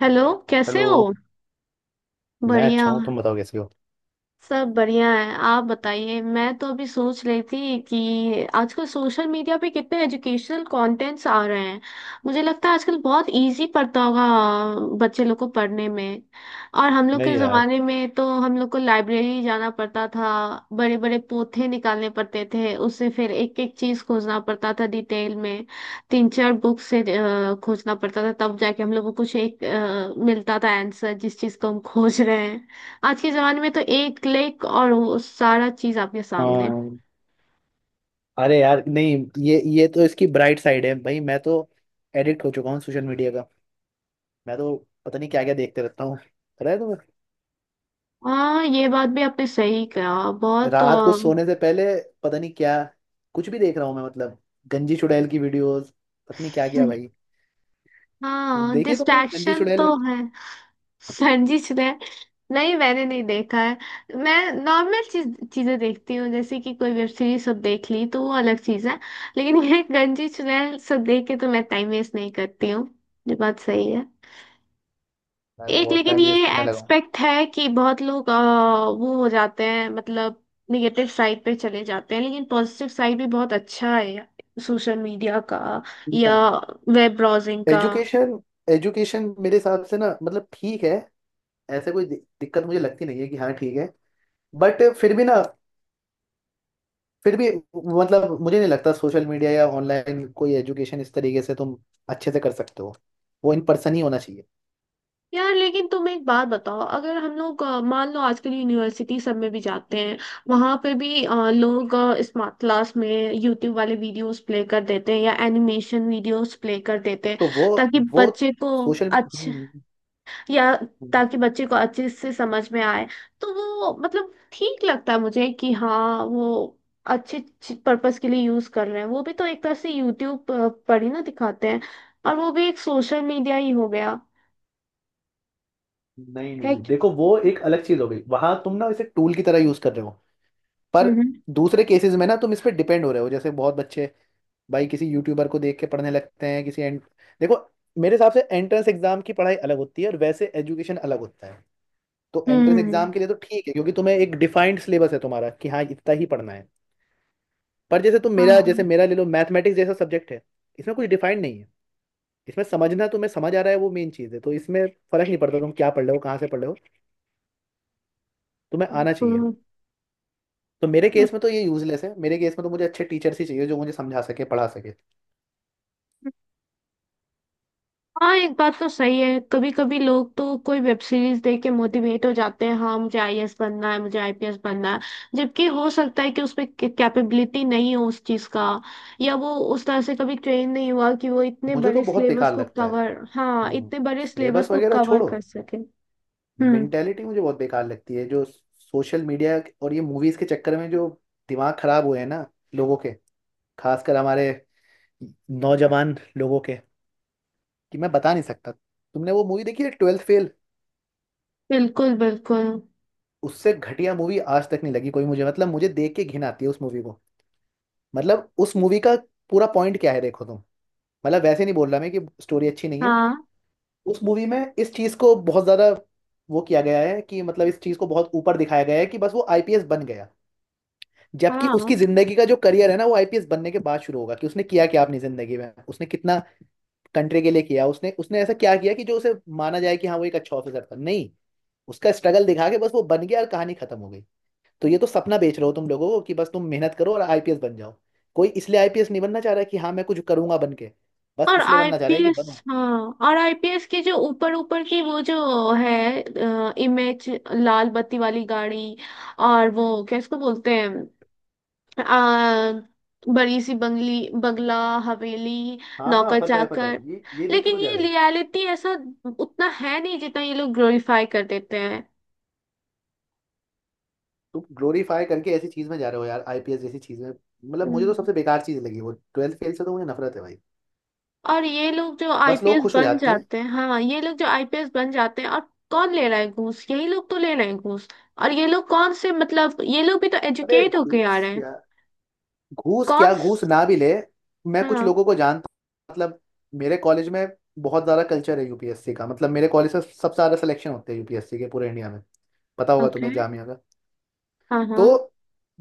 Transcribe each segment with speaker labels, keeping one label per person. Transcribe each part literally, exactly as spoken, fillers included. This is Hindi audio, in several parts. Speaker 1: हेलो। कैसे
Speaker 2: हेलो।
Speaker 1: हो?
Speaker 2: मैं
Speaker 1: बढ़िया।
Speaker 2: अच्छा हूँ, तुम बताओ कैसे हो।
Speaker 1: सब बढ़िया है, आप बताइए। मैं तो अभी सोच रही थी कि आजकल सोशल मीडिया पे कितने एजुकेशनल कंटेंट्स आ रहे हैं। मुझे लगता है आजकल बहुत इजी पड़ता होगा बच्चे लोग को पढ़ने में। और हम लोग के
Speaker 2: नहीं यार।
Speaker 1: जमाने में तो हम लोग को लाइब्रेरी जाना पड़ता था, बड़े बड़े पोथे निकालने पड़ते थे, उससे फिर एक एक चीज खोजना पड़ता था डिटेल में। तीन चार बुक से अ, खोजना पड़ता था, तब जाके हम लोग को कुछ एक अ, मिलता था आंसर जिस चीज को हम खोज रहे हैं। आज के जमाने में तो एक क्लिक और वो सारा चीज आपके सामने।
Speaker 2: हाँ। अरे यार नहीं, ये ये तो इसकी ब्राइट साइड है भाई। मैं तो एडिक्ट हो चुका हूँ सोशल मीडिया का। मैं तो पता नहीं क्या क्या देखते रहता हूँ। पता है तुम्हें,
Speaker 1: हाँ, ये बात भी आपने सही कहा। बहुत अ,
Speaker 2: रात को सोने से पहले पता नहीं क्या, कुछ भी देख रहा हूँ मैं। मतलब गंजी चुड़ैल की वीडियोस, पता नहीं क्या क्या भाई।
Speaker 1: हाँ,
Speaker 2: देखिए, तुमने गंजी
Speaker 1: डिस्ट्रैक्शन
Speaker 2: चुड़ैल
Speaker 1: तो
Speaker 2: वाली,
Speaker 1: है। संजीश ने, नहीं मैंने नहीं देखा है। मैं नॉर्मल चीज चीजें देखती हूँ, जैसे कि कोई वेब सीरीज सब देख ली तो वो अलग चीज है। लेकिन ये गंजी चुनैल सब देख के तो मैं टाइम वेस्ट नहीं करती हूँ। ये बात सही है।
Speaker 2: मैं तो
Speaker 1: एक
Speaker 2: बहुत
Speaker 1: लेकिन
Speaker 2: टाइम
Speaker 1: ये
Speaker 2: वेस्ट करने लगा
Speaker 1: एक्सपेक्ट है कि बहुत लोग अ, वो हो जाते हैं, मतलब निगेटिव साइड पे चले जाते हैं, लेकिन पॉजिटिव साइड भी बहुत अच्छा है सोशल मीडिया का
Speaker 2: हूँ।
Speaker 1: या वेब ब्राउजिंग का।
Speaker 2: एजुकेशन, एजुकेशन मेरे हिसाब से ना, मतलब ठीक है। ऐसे कोई दि- दिक्कत मुझे लगती नहीं है कि हाँ ठीक है। बट फिर भी ना, फिर भी मतलब मुझे नहीं लगता सोशल मीडिया या ऑनलाइन कोई एजुकेशन इस तरीके से तुम अच्छे से कर सकते हो। वो इन पर्सन ही होना चाहिए।
Speaker 1: यार लेकिन तुम एक बात बताओ, अगर हम लोग अ, मान लो आजकल यूनिवर्सिटी सब में भी जाते हैं, वहां पे भी अ, लोग स्मार्ट क्लास में यूट्यूब वाले वीडियोस प्ले कर देते हैं या एनिमेशन वीडियोस प्ले कर देते हैं
Speaker 2: तो वो
Speaker 1: ताकि
Speaker 2: वो
Speaker 1: बच्चे को,
Speaker 2: सोशल
Speaker 1: या
Speaker 2: नहीं।
Speaker 1: ताकि बच्चे को अच्छे से समझ में आए। तो वो मतलब ठीक लगता है मुझे, कि हाँ वो अच्छे पर्पस के लिए यूज कर रहे हैं। वो भी तो एक तरह से यूट्यूब पर ही ना दिखाते हैं, और वो भी एक सोशल मीडिया ही हो गया।
Speaker 2: नहीं
Speaker 1: है
Speaker 2: नहीं
Speaker 1: कि-
Speaker 2: देखो वो एक अलग चीज हो गई। वहां तुम ना इसे टूल की तरह यूज कर रहे हो। पर
Speaker 1: हम्म।
Speaker 2: दूसरे केसेस में ना तुम इस पे डिपेंड हो रहे हो, जैसे बहुत बच्चे भाई किसी यूट्यूबर को देख के पढ़ने लगते हैं किसी एंड। देखो, मेरे हिसाब से एंट्रेंस एग्जाम की पढ़ाई अलग होती है और वैसे एजुकेशन अलग होता है। तो एंट्रेंस
Speaker 1: हम्म।
Speaker 2: एग्जाम के लिए तो ठीक है, क्योंकि तुम्हें एक डिफाइंड सिलेबस है तुम्हारा कि हाँ इतना ही पढ़ना है। पर जैसे तुम मेरा, जैसे
Speaker 1: हाँ,
Speaker 2: मेरा ले लो, मैथमेटिक्स जैसा सब्जेक्ट है। इसमें कुछ डिफाइंड नहीं है। इसमें समझना, तुम्हें समझ आ रहा है वो मेन चीज़ है। तो इसमें फर्क नहीं पड़ता तुम क्या पढ़ रहे हो, कहाँ से पढ़ रहे हो, तुम्हें आना चाहिए।
Speaker 1: बिल्कुल।
Speaker 2: तो मेरे केस में तो ये यूजलेस है। मेरे केस में तो मुझे अच्छे टीचर्स ही चाहिए जो मुझे समझा सके, पढ़ा सके।
Speaker 1: हाँ, एक बात तो सही है, कभी कभी लोग तो कोई वेब सीरीज देख के मोटिवेट हो जाते हैं, हाँ मुझे आईएएस बनना है, मुझे आईपीएस बनना है। जबकि हो सकता है कि उसमें कैपेबिलिटी नहीं हो उस चीज का, या वो उस तरह से कभी ट्रेन नहीं हुआ कि वो इतने
Speaker 2: मुझे तो
Speaker 1: बड़े
Speaker 2: बहुत
Speaker 1: सिलेबस
Speaker 2: बेकार
Speaker 1: को
Speaker 2: लगता है।
Speaker 1: कवर, हाँ
Speaker 2: हम्म।
Speaker 1: इतने बड़े सिलेबस
Speaker 2: सिलेबस
Speaker 1: को
Speaker 2: वगैरह
Speaker 1: कवर
Speaker 2: छोड़ो,
Speaker 1: कर सके। हम्म।
Speaker 2: मेंटेलिटी मुझे बहुत बेकार लगती है, जो सोशल मीडिया और ये मूवीज के चक्कर में जो दिमाग खराब हुए हैं ना लोगों के, खासकर हमारे नौजवान लोगों के। कि मैं बता नहीं सकता, तुमने वो मूवी देखी है ट्वेल्थ फेल?
Speaker 1: बिल्कुल, बिल्कुल।
Speaker 2: उससे घटिया मूवी आज तक नहीं लगी कोई मुझे। मतलब मुझे देख के घिन आती है उस मूवी को। मतलब उस मूवी का पूरा पॉइंट क्या है, देखो तुम। मतलब वैसे नहीं बोल रहा मैं कि स्टोरी अच्छी नहीं है।
Speaker 1: हाँ,
Speaker 2: उस मूवी में इस चीज को बहुत ज्यादा वो किया गया है, कि मतलब इस चीज को बहुत ऊपर दिखाया गया है कि बस वो आई पी एस बन गया। जबकि
Speaker 1: हाँ,
Speaker 2: उसकी जिंदगी का जो करियर है ना, वो आई पी एस बनने के बाद शुरू होगा कि उसने किया क्या अपनी जिंदगी में, उसने कितना कंट्री के लिए किया, उसने उसने ऐसा क्या किया कि जो उसे माना जाए कि हाँ वो एक अच्छा ऑफिसर था। नहीं, उसका स्ट्रगल दिखा के बस वो बन गया और कहानी खत्म हो गई। तो ये तो सपना बेच रहे हो तुम लोगों को कि बस तुम मेहनत करो और आई पी एस बन जाओ। कोई इसलिए आई पी एस नहीं बनना चाह रहा कि हाँ मैं कुछ करूंगा बन के, बस
Speaker 1: और
Speaker 2: इसलिए बनना चाह रहा है कि
Speaker 1: आईपीएस।
Speaker 2: बनो।
Speaker 1: हाँ, और आईपीएस की जो ऊपर ऊपर की वो जो है, इमेज, लाल बत्ती वाली गाड़ी, और वो क्या इसको बोलते हैं, आ, बड़ी सी बंगली, बंगला, हवेली,
Speaker 2: हाँ हाँ,
Speaker 1: नौकर
Speaker 2: पता है पता
Speaker 1: चाकर।
Speaker 2: है, ये ये देख के तो
Speaker 1: लेकिन
Speaker 2: जा
Speaker 1: ये
Speaker 2: रहा है।
Speaker 1: रियलिटी ऐसा उतना है नहीं जितना ये लोग ग्लोरीफाई कर देते हैं।
Speaker 2: तुम ग्लोरीफाई करके ऐसी चीज में जा रहे हो यार, आई पी एस जैसी चीज में। मतलब मुझे तो
Speaker 1: हम्म।
Speaker 2: सबसे बेकार चीज लगी वो, ट्वेल्थ फेल से तो मुझे नफरत है भाई।
Speaker 1: और ये लोग जो
Speaker 2: बस लोग
Speaker 1: आईपीएस
Speaker 2: खुश हो
Speaker 1: बन
Speaker 2: जाते हैं।
Speaker 1: जाते हैं, हाँ ये लोग जो आईपीएस बन जाते हैं और कौन ले रहा है घूस? यही लोग तो ले रहे हैं घूस। और ये लोग कौन से, मतलब ये लोग भी तो
Speaker 2: अबे
Speaker 1: एजुकेट होके आ
Speaker 2: घूस
Speaker 1: रहे हैं।
Speaker 2: यार, घूस
Speaker 1: कौन
Speaker 2: क्या, घूस
Speaker 1: स-
Speaker 2: ना भी ले। मैं कुछ
Speaker 1: हाँ।
Speaker 2: लोगों को जानता हूँ। मतलब मेरे कॉलेज में बहुत ज़्यादा कल्चर है यू पी एस सी का। मतलब मेरे कॉलेज से सबसे ज़्यादा सिलेक्शन होते हैं यू पी एस सी के पूरे इंडिया में। पता होगा
Speaker 1: ओके,
Speaker 2: तुम्हें, जामिया का।
Speaker 1: हाँ
Speaker 2: तो
Speaker 1: हाँ।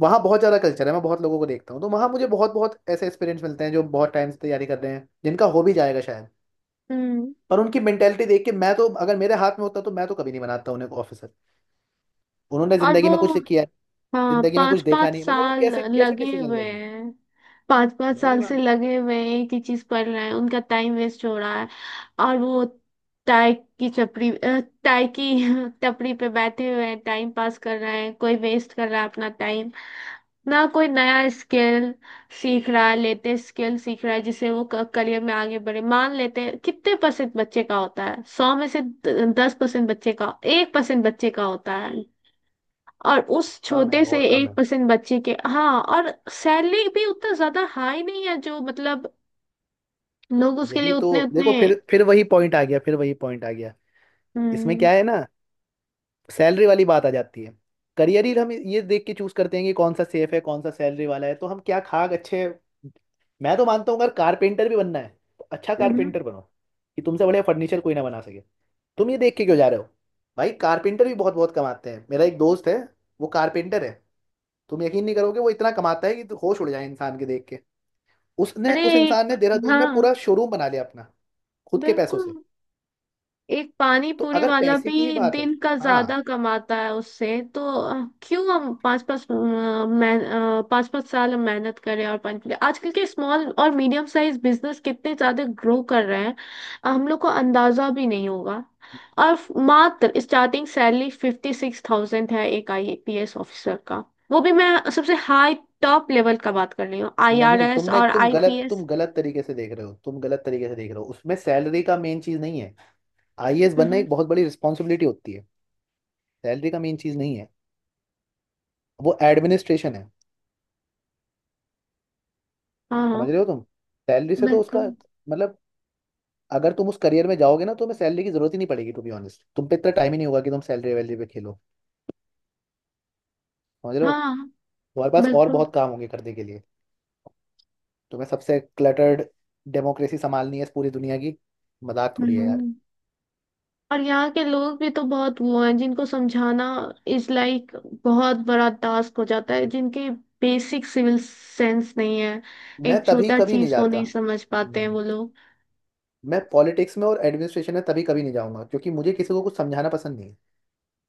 Speaker 2: वहाँ बहुत ज़्यादा कल्चर है, मैं बहुत लोगों को देखता हूँ, तो वहाँ मुझे बहुत बहुत ऐसे एक्सपीरियंस मिलते हैं, जो बहुत टाइम से तैयारी कर रहे हैं, जिनका हो भी जाएगा शायद।
Speaker 1: हम्म।
Speaker 2: पर उनकी मेंटेलिटी देख के, मैं तो अगर मेरे हाथ में होता तो मैं तो कभी नहीं बनाता उन्हें ऑफिसर। उन्होंने
Speaker 1: और
Speaker 2: ज़िंदगी
Speaker 1: वो,
Speaker 2: में कुछ किया है,
Speaker 1: हाँ
Speaker 2: ज़िंदगी में कुछ
Speaker 1: पाँच
Speaker 2: देखा
Speaker 1: पाँच
Speaker 2: नहीं, मतलब वो
Speaker 1: साल
Speaker 2: कैसे कैसे
Speaker 1: लगे
Speaker 2: डिसीजन
Speaker 1: हुए
Speaker 2: लेंगे।
Speaker 1: हैं, पाँच पाँच
Speaker 2: मैं नहीं
Speaker 1: साल से
Speaker 2: मानता।
Speaker 1: लगे हुए हैं, एक ही चीज पढ़ रहे हैं, उनका टाइम वेस्ट हो रहा है। और वो टाई की चपड़ी अ, टाई की टपरी पे बैठे हुए हैं, टाइम पास कर रहे हैं, कोई वेस्ट कर रहा है अपना टाइम, ना कोई नया स्किल सीख रहा है, लेटेस्ट स्किल सीख रहा है जिससे वो करियर में आगे बढ़े। मान लेते हैं कितने परसेंट बच्चे का होता है, सौ में से दस परसेंट बच्चे का, एक परसेंट बच्चे का होता है, और उस
Speaker 2: कम है,
Speaker 1: छोटे से
Speaker 2: और कम है।
Speaker 1: एक परसेंट बच्चे के, हाँ, और सैलरी भी उतना ज्यादा हाई नहीं है जो, मतलब लोग उसके लिए
Speaker 2: यही
Speaker 1: उतने
Speaker 2: तो देखो,
Speaker 1: उतने।
Speaker 2: फिर फिर वही पॉइंट आ गया, फिर वही पॉइंट आ गया। इसमें
Speaker 1: हम्म।
Speaker 2: क्या है ना, सैलरी वाली बात आ जाती है। करियर ही हम ये देख के चूज करते हैं कि कौन सा सेफ है, कौन सा सैलरी वाला है। तो हम क्या खाक अच्छे। मैं तो मानता हूँ अगर कारपेंटर भी बनना है, तो अच्छा
Speaker 1: हम्म।
Speaker 2: कारपेंटर बनो कि तुमसे बढ़िया फर्नीचर कोई ना बना सके। तुम ये देख के क्यों जा रहे हो? भाई कारपेंटर भी बहुत बहुत कमाते हैं। मेरा एक दोस्त है, वो कारपेंटर है। तुम यकीन नहीं करोगे, वो इतना कमाता है कि तो होश उड़ जाए इंसान के देख के। उसने,
Speaker 1: अरे,
Speaker 2: उस इंसान
Speaker 1: एक-
Speaker 2: ने देहरादून में
Speaker 1: हाँ,
Speaker 2: पूरा शोरूम बना लिया अपना, खुद के पैसों
Speaker 1: बिल्कुल।
Speaker 2: से।
Speaker 1: एक पानी
Speaker 2: तो
Speaker 1: पूरी
Speaker 2: अगर
Speaker 1: वाला
Speaker 2: पैसे की ही
Speaker 1: भी
Speaker 2: बात है,
Speaker 1: दिन का
Speaker 2: हाँ।
Speaker 1: ज्यादा कमाता है उससे तो अ, क्यों हम पाँच पाँच मैं पाँच पाँच साल हम मेहनत करें? और पानी पूरी, आजकल के स्मॉल और मीडियम साइज बिजनेस कितने ज्यादा ग्रो कर रहे हैं, अ, हम लोग को अंदाजा भी नहीं होगा। और फ- मात्र starting salary fifty six thousand है एक आईपीएस ऑफिसर का, वो भी मैं सबसे हाई टॉप लेवल का बात कर रही हूँ,
Speaker 2: नहीं
Speaker 1: आईआरएस
Speaker 2: तुमने
Speaker 1: और
Speaker 2: तुम गलत
Speaker 1: आईपीएस।
Speaker 2: तुम गलत तरीके से देख रहे हो, तुम गलत तरीके से देख रहे हो। उसमें सैलरी का मेन चीज नहीं है। आई ए एस बनना
Speaker 1: हाँ,
Speaker 2: एक बहुत बड़ी रिस्पॉन्सिबिलिटी होती है। सैलरी का मेन चीज नहीं है। वो एडमिनिस्ट्रेशन है,
Speaker 1: हाँ,
Speaker 2: समझ रहे हो तुम। सैलरी से तो उसका
Speaker 1: बिल्कुल।
Speaker 2: मतलब, अगर तुम उस करियर में जाओगे ना, तो तुम्हें सैलरी की जरूरत ही नहीं पड़ेगी। टू बी ऑनेस्ट, तुम पे इतना टाइम ही नहीं होगा कि तुम सैलरी वैलरी पे खेलो, समझ रहे हो।
Speaker 1: हाँ,
Speaker 2: तुम्हारे पास और
Speaker 1: बिल्कुल।
Speaker 2: बहुत काम होंगे करने के लिए। तुम्हें सबसे क्लटर्ड डेमोक्रेसी संभालनी है इस पूरी दुनिया की। मजाक थोड़ी है यार।
Speaker 1: हम्म। और यहाँ के लोग भी तो बहुत वो हैं जिनको समझाना इज लाइक बहुत बड़ा टास्क हो जाता है, जिनके बेसिक सिविल सेंस नहीं है,
Speaker 2: मैं
Speaker 1: एक
Speaker 2: तभी
Speaker 1: छोटा
Speaker 2: कभी नहीं
Speaker 1: चीज को
Speaker 2: जाता।
Speaker 1: नहीं समझ पाते हैं
Speaker 2: हम्म।
Speaker 1: वो लोग।
Speaker 2: मैं पॉलिटिक्स में और एडमिनिस्ट्रेशन में तभी कभी नहीं जाऊंगा, क्योंकि मुझे किसी को कुछ समझाना पसंद नहीं है।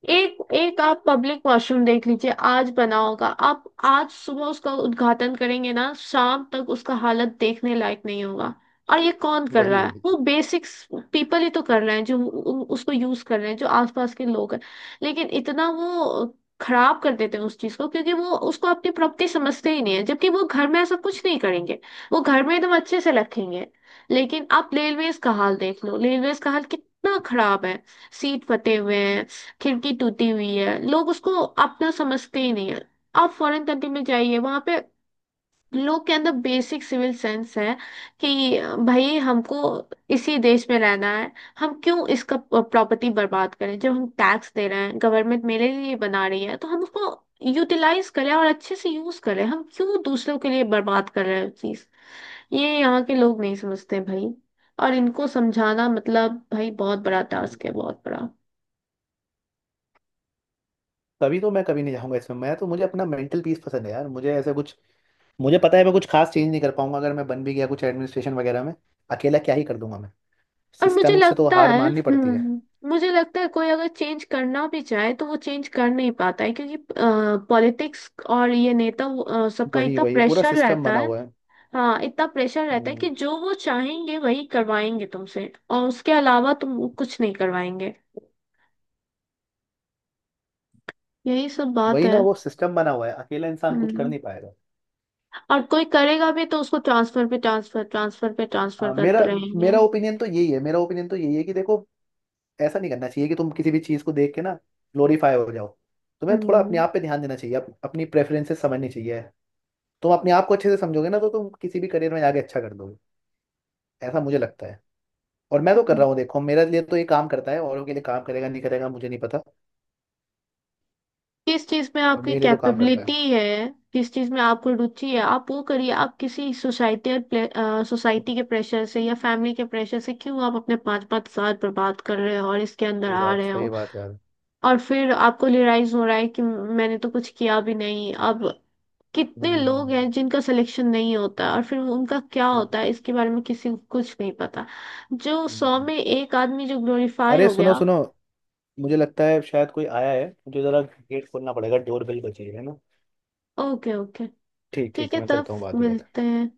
Speaker 1: एक एक आप पब्लिक वॉशरूम देख लीजिए, आज बना होगा, आप आज सुबह उसका उद्घाटन करेंगे ना, शाम तक उसका हालत देखने लायक नहीं होगा। और ये कौन कर
Speaker 2: वही
Speaker 1: रहा है,
Speaker 2: वही।
Speaker 1: वो बेसिक्स पीपल ही तो कर रहे हैं जो उ- उ- उसको यूज कर रहे हैं, जो आसपास के लोग हैं, लेकिन इतना वो खराब कर देते हैं उस चीज को क्योंकि वो उसको अपनी प्रॉपर्टी समझते ही नहीं है, जबकि वो घर में ऐसा कुछ नहीं करेंगे, वो घर में एकदम अच्छे से रखेंगे। लेकिन आप रेलवेज का हाल देख लो, रेलवेज का हाल कितना खराब है, सीट फटे हुए हैं, खिड़की टूटी हुई है, लोग उसको अपना समझते ही नहीं है। आप फॉरेन कंट्री में जाइए, वहां पे लोग के अंदर बेसिक सिविल सेंस है कि भाई हमको इसी देश में रहना है, हम क्यों इसका प्रॉपर्टी बर्बाद करें? जब हम टैक्स दे रहे हैं, गवर्नमेंट मेरे लिए बना रही है, तो हम उसको यूटिलाइज करें और अच्छे से यूज करें, हम क्यों दूसरों के लिए बर्बाद कर रहे हैं चीज। ये यहाँ के लोग नहीं समझते भाई, और इनको समझाना मतलब, भाई, बहुत बड़ा
Speaker 2: हम्म।
Speaker 1: टास्क है, बहुत बड़ा।
Speaker 2: तभी तो मैं कभी नहीं जाऊंगा इसमें। मैं तो, मुझे अपना मेंटल पीस पसंद है यार, मुझे ऐसे कुछ, मुझे पता है मैं कुछ खास चेंज नहीं कर पाऊंगा अगर मैं बन भी गया कुछ एडमिनिस्ट्रेशन वगैरह में। अकेला क्या ही कर दूंगा मैं।
Speaker 1: और मुझे
Speaker 2: सिस्टम से तो
Speaker 1: लगता
Speaker 2: हार
Speaker 1: है,
Speaker 2: माननी पड़ती है।
Speaker 1: हम्म, मुझे लगता है कोई अगर चेंज करना भी चाहे तो वो चेंज कर नहीं पाता है क्योंकि पॉलिटिक्स और ये नेता अ, सबका
Speaker 2: वही
Speaker 1: इतना
Speaker 2: वही, पूरा
Speaker 1: प्रेशर
Speaker 2: सिस्टम
Speaker 1: रहता
Speaker 2: बना
Speaker 1: है।
Speaker 2: हुआ है।
Speaker 1: हाँ, इतना प्रेशर रहता है
Speaker 2: हम्म।
Speaker 1: कि जो वो चाहेंगे वही करवाएंगे तुमसे, और उसके अलावा तुम कुछ नहीं करवाएंगे, यही सब बात
Speaker 2: वही ना,
Speaker 1: है।
Speaker 2: वो सिस्टम बना हुआ है, अकेला इंसान कुछ कर
Speaker 1: हम्म।
Speaker 2: नहीं पाएगा।
Speaker 1: और कोई करेगा भी तो उसको ट्रांसफर पे ट्रांसफर, ट्रांसफर पे ट्रांसफर
Speaker 2: आ, मेरा
Speaker 1: करते रहेंगे।
Speaker 2: मेरा ओपिनियन तो यही है, मेरा ओपिनियन तो यही है कि देखो, ऐसा नहीं करना चाहिए कि तुम किसी भी चीज़ को देख के ना ग्लोरीफाई हो जाओ। तुम्हें थोड़ा
Speaker 1: हम्म।
Speaker 2: अपने आप पे ध्यान देना चाहिए, अप, अपनी प्रेफरेंसेस समझनी चाहिए। तुम अपने आप को अच्छे से समझोगे ना, तो तुम किसी भी करियर में आगे अच्छा कर दोगे, ऐसा मुझे लगता है। और मैं तो कर रहा हूँ, देखो मेरे लिए तो ये काम करता है, औरों के लिए काम करेगा नहीं करेगा मुझे नहीं पता।
Speaker 1: किस चीज में
Speaker 2: और
Speaker 1: आपकी
Speaker 2: मेरे लिए तो काम करता
Speaker 1: कैपेबिलिटी
Speaker 2: है।
Speaker 1: है, किस चीज में आपको रुचि है, आप वो करिए। आप किसी सोसाइटी, और सोसाइटी के प्रेशर से या फैमिली के प्रेशर से क्यों आप अपने पाँच पाँच साल बर्बाद कर रहे हो और इसके अंदर
Speaker 2: सही
Speaker 1: आ
Speaker 2: बात,
Speaker 1: रहे
Speaker 2: सही
Speaker 1: हो,
Speaker 2: बात यार।
Speaker 1: और फिर आपको रियलाइज हो रहा है कि मैंने तो कुछ किया भी नहीं अब। कितने
Speaker 2: हम्म,
Speaker 1: लोग हैं जिनका सिलेक्शन नहीं होता, और फिर उनका क्या
Speaker 2: हम्म,
Speaker 1: होता है इसके बारे में किसी को कुछ नहीं पता, जो सौ
Speaker 2: हम्म।
Speaker 1: में एक आदमी जो ग्लोरीफाई
Speaker 2: अरे
Speaker 1: हो
Speaker 2: सुनो
Speaker 1: गया।
Speaker 2: सुनो, मुझे लगता है शायद कोई आया है, मुझे जरा गेट खोलना पड़ेगा, डोर बेल बजी है ना।
Speaker 1: Okay, okay.
Speaker 2: ठीक
Speaker 1: ठीक
Speaker 2: ठीक,
Speaker 1: है
Speaker 2: मैं
Speaker 1: तब,
Speaker 2: करता हूँ बाद में बात।
Speaker 1: मिलते हैं।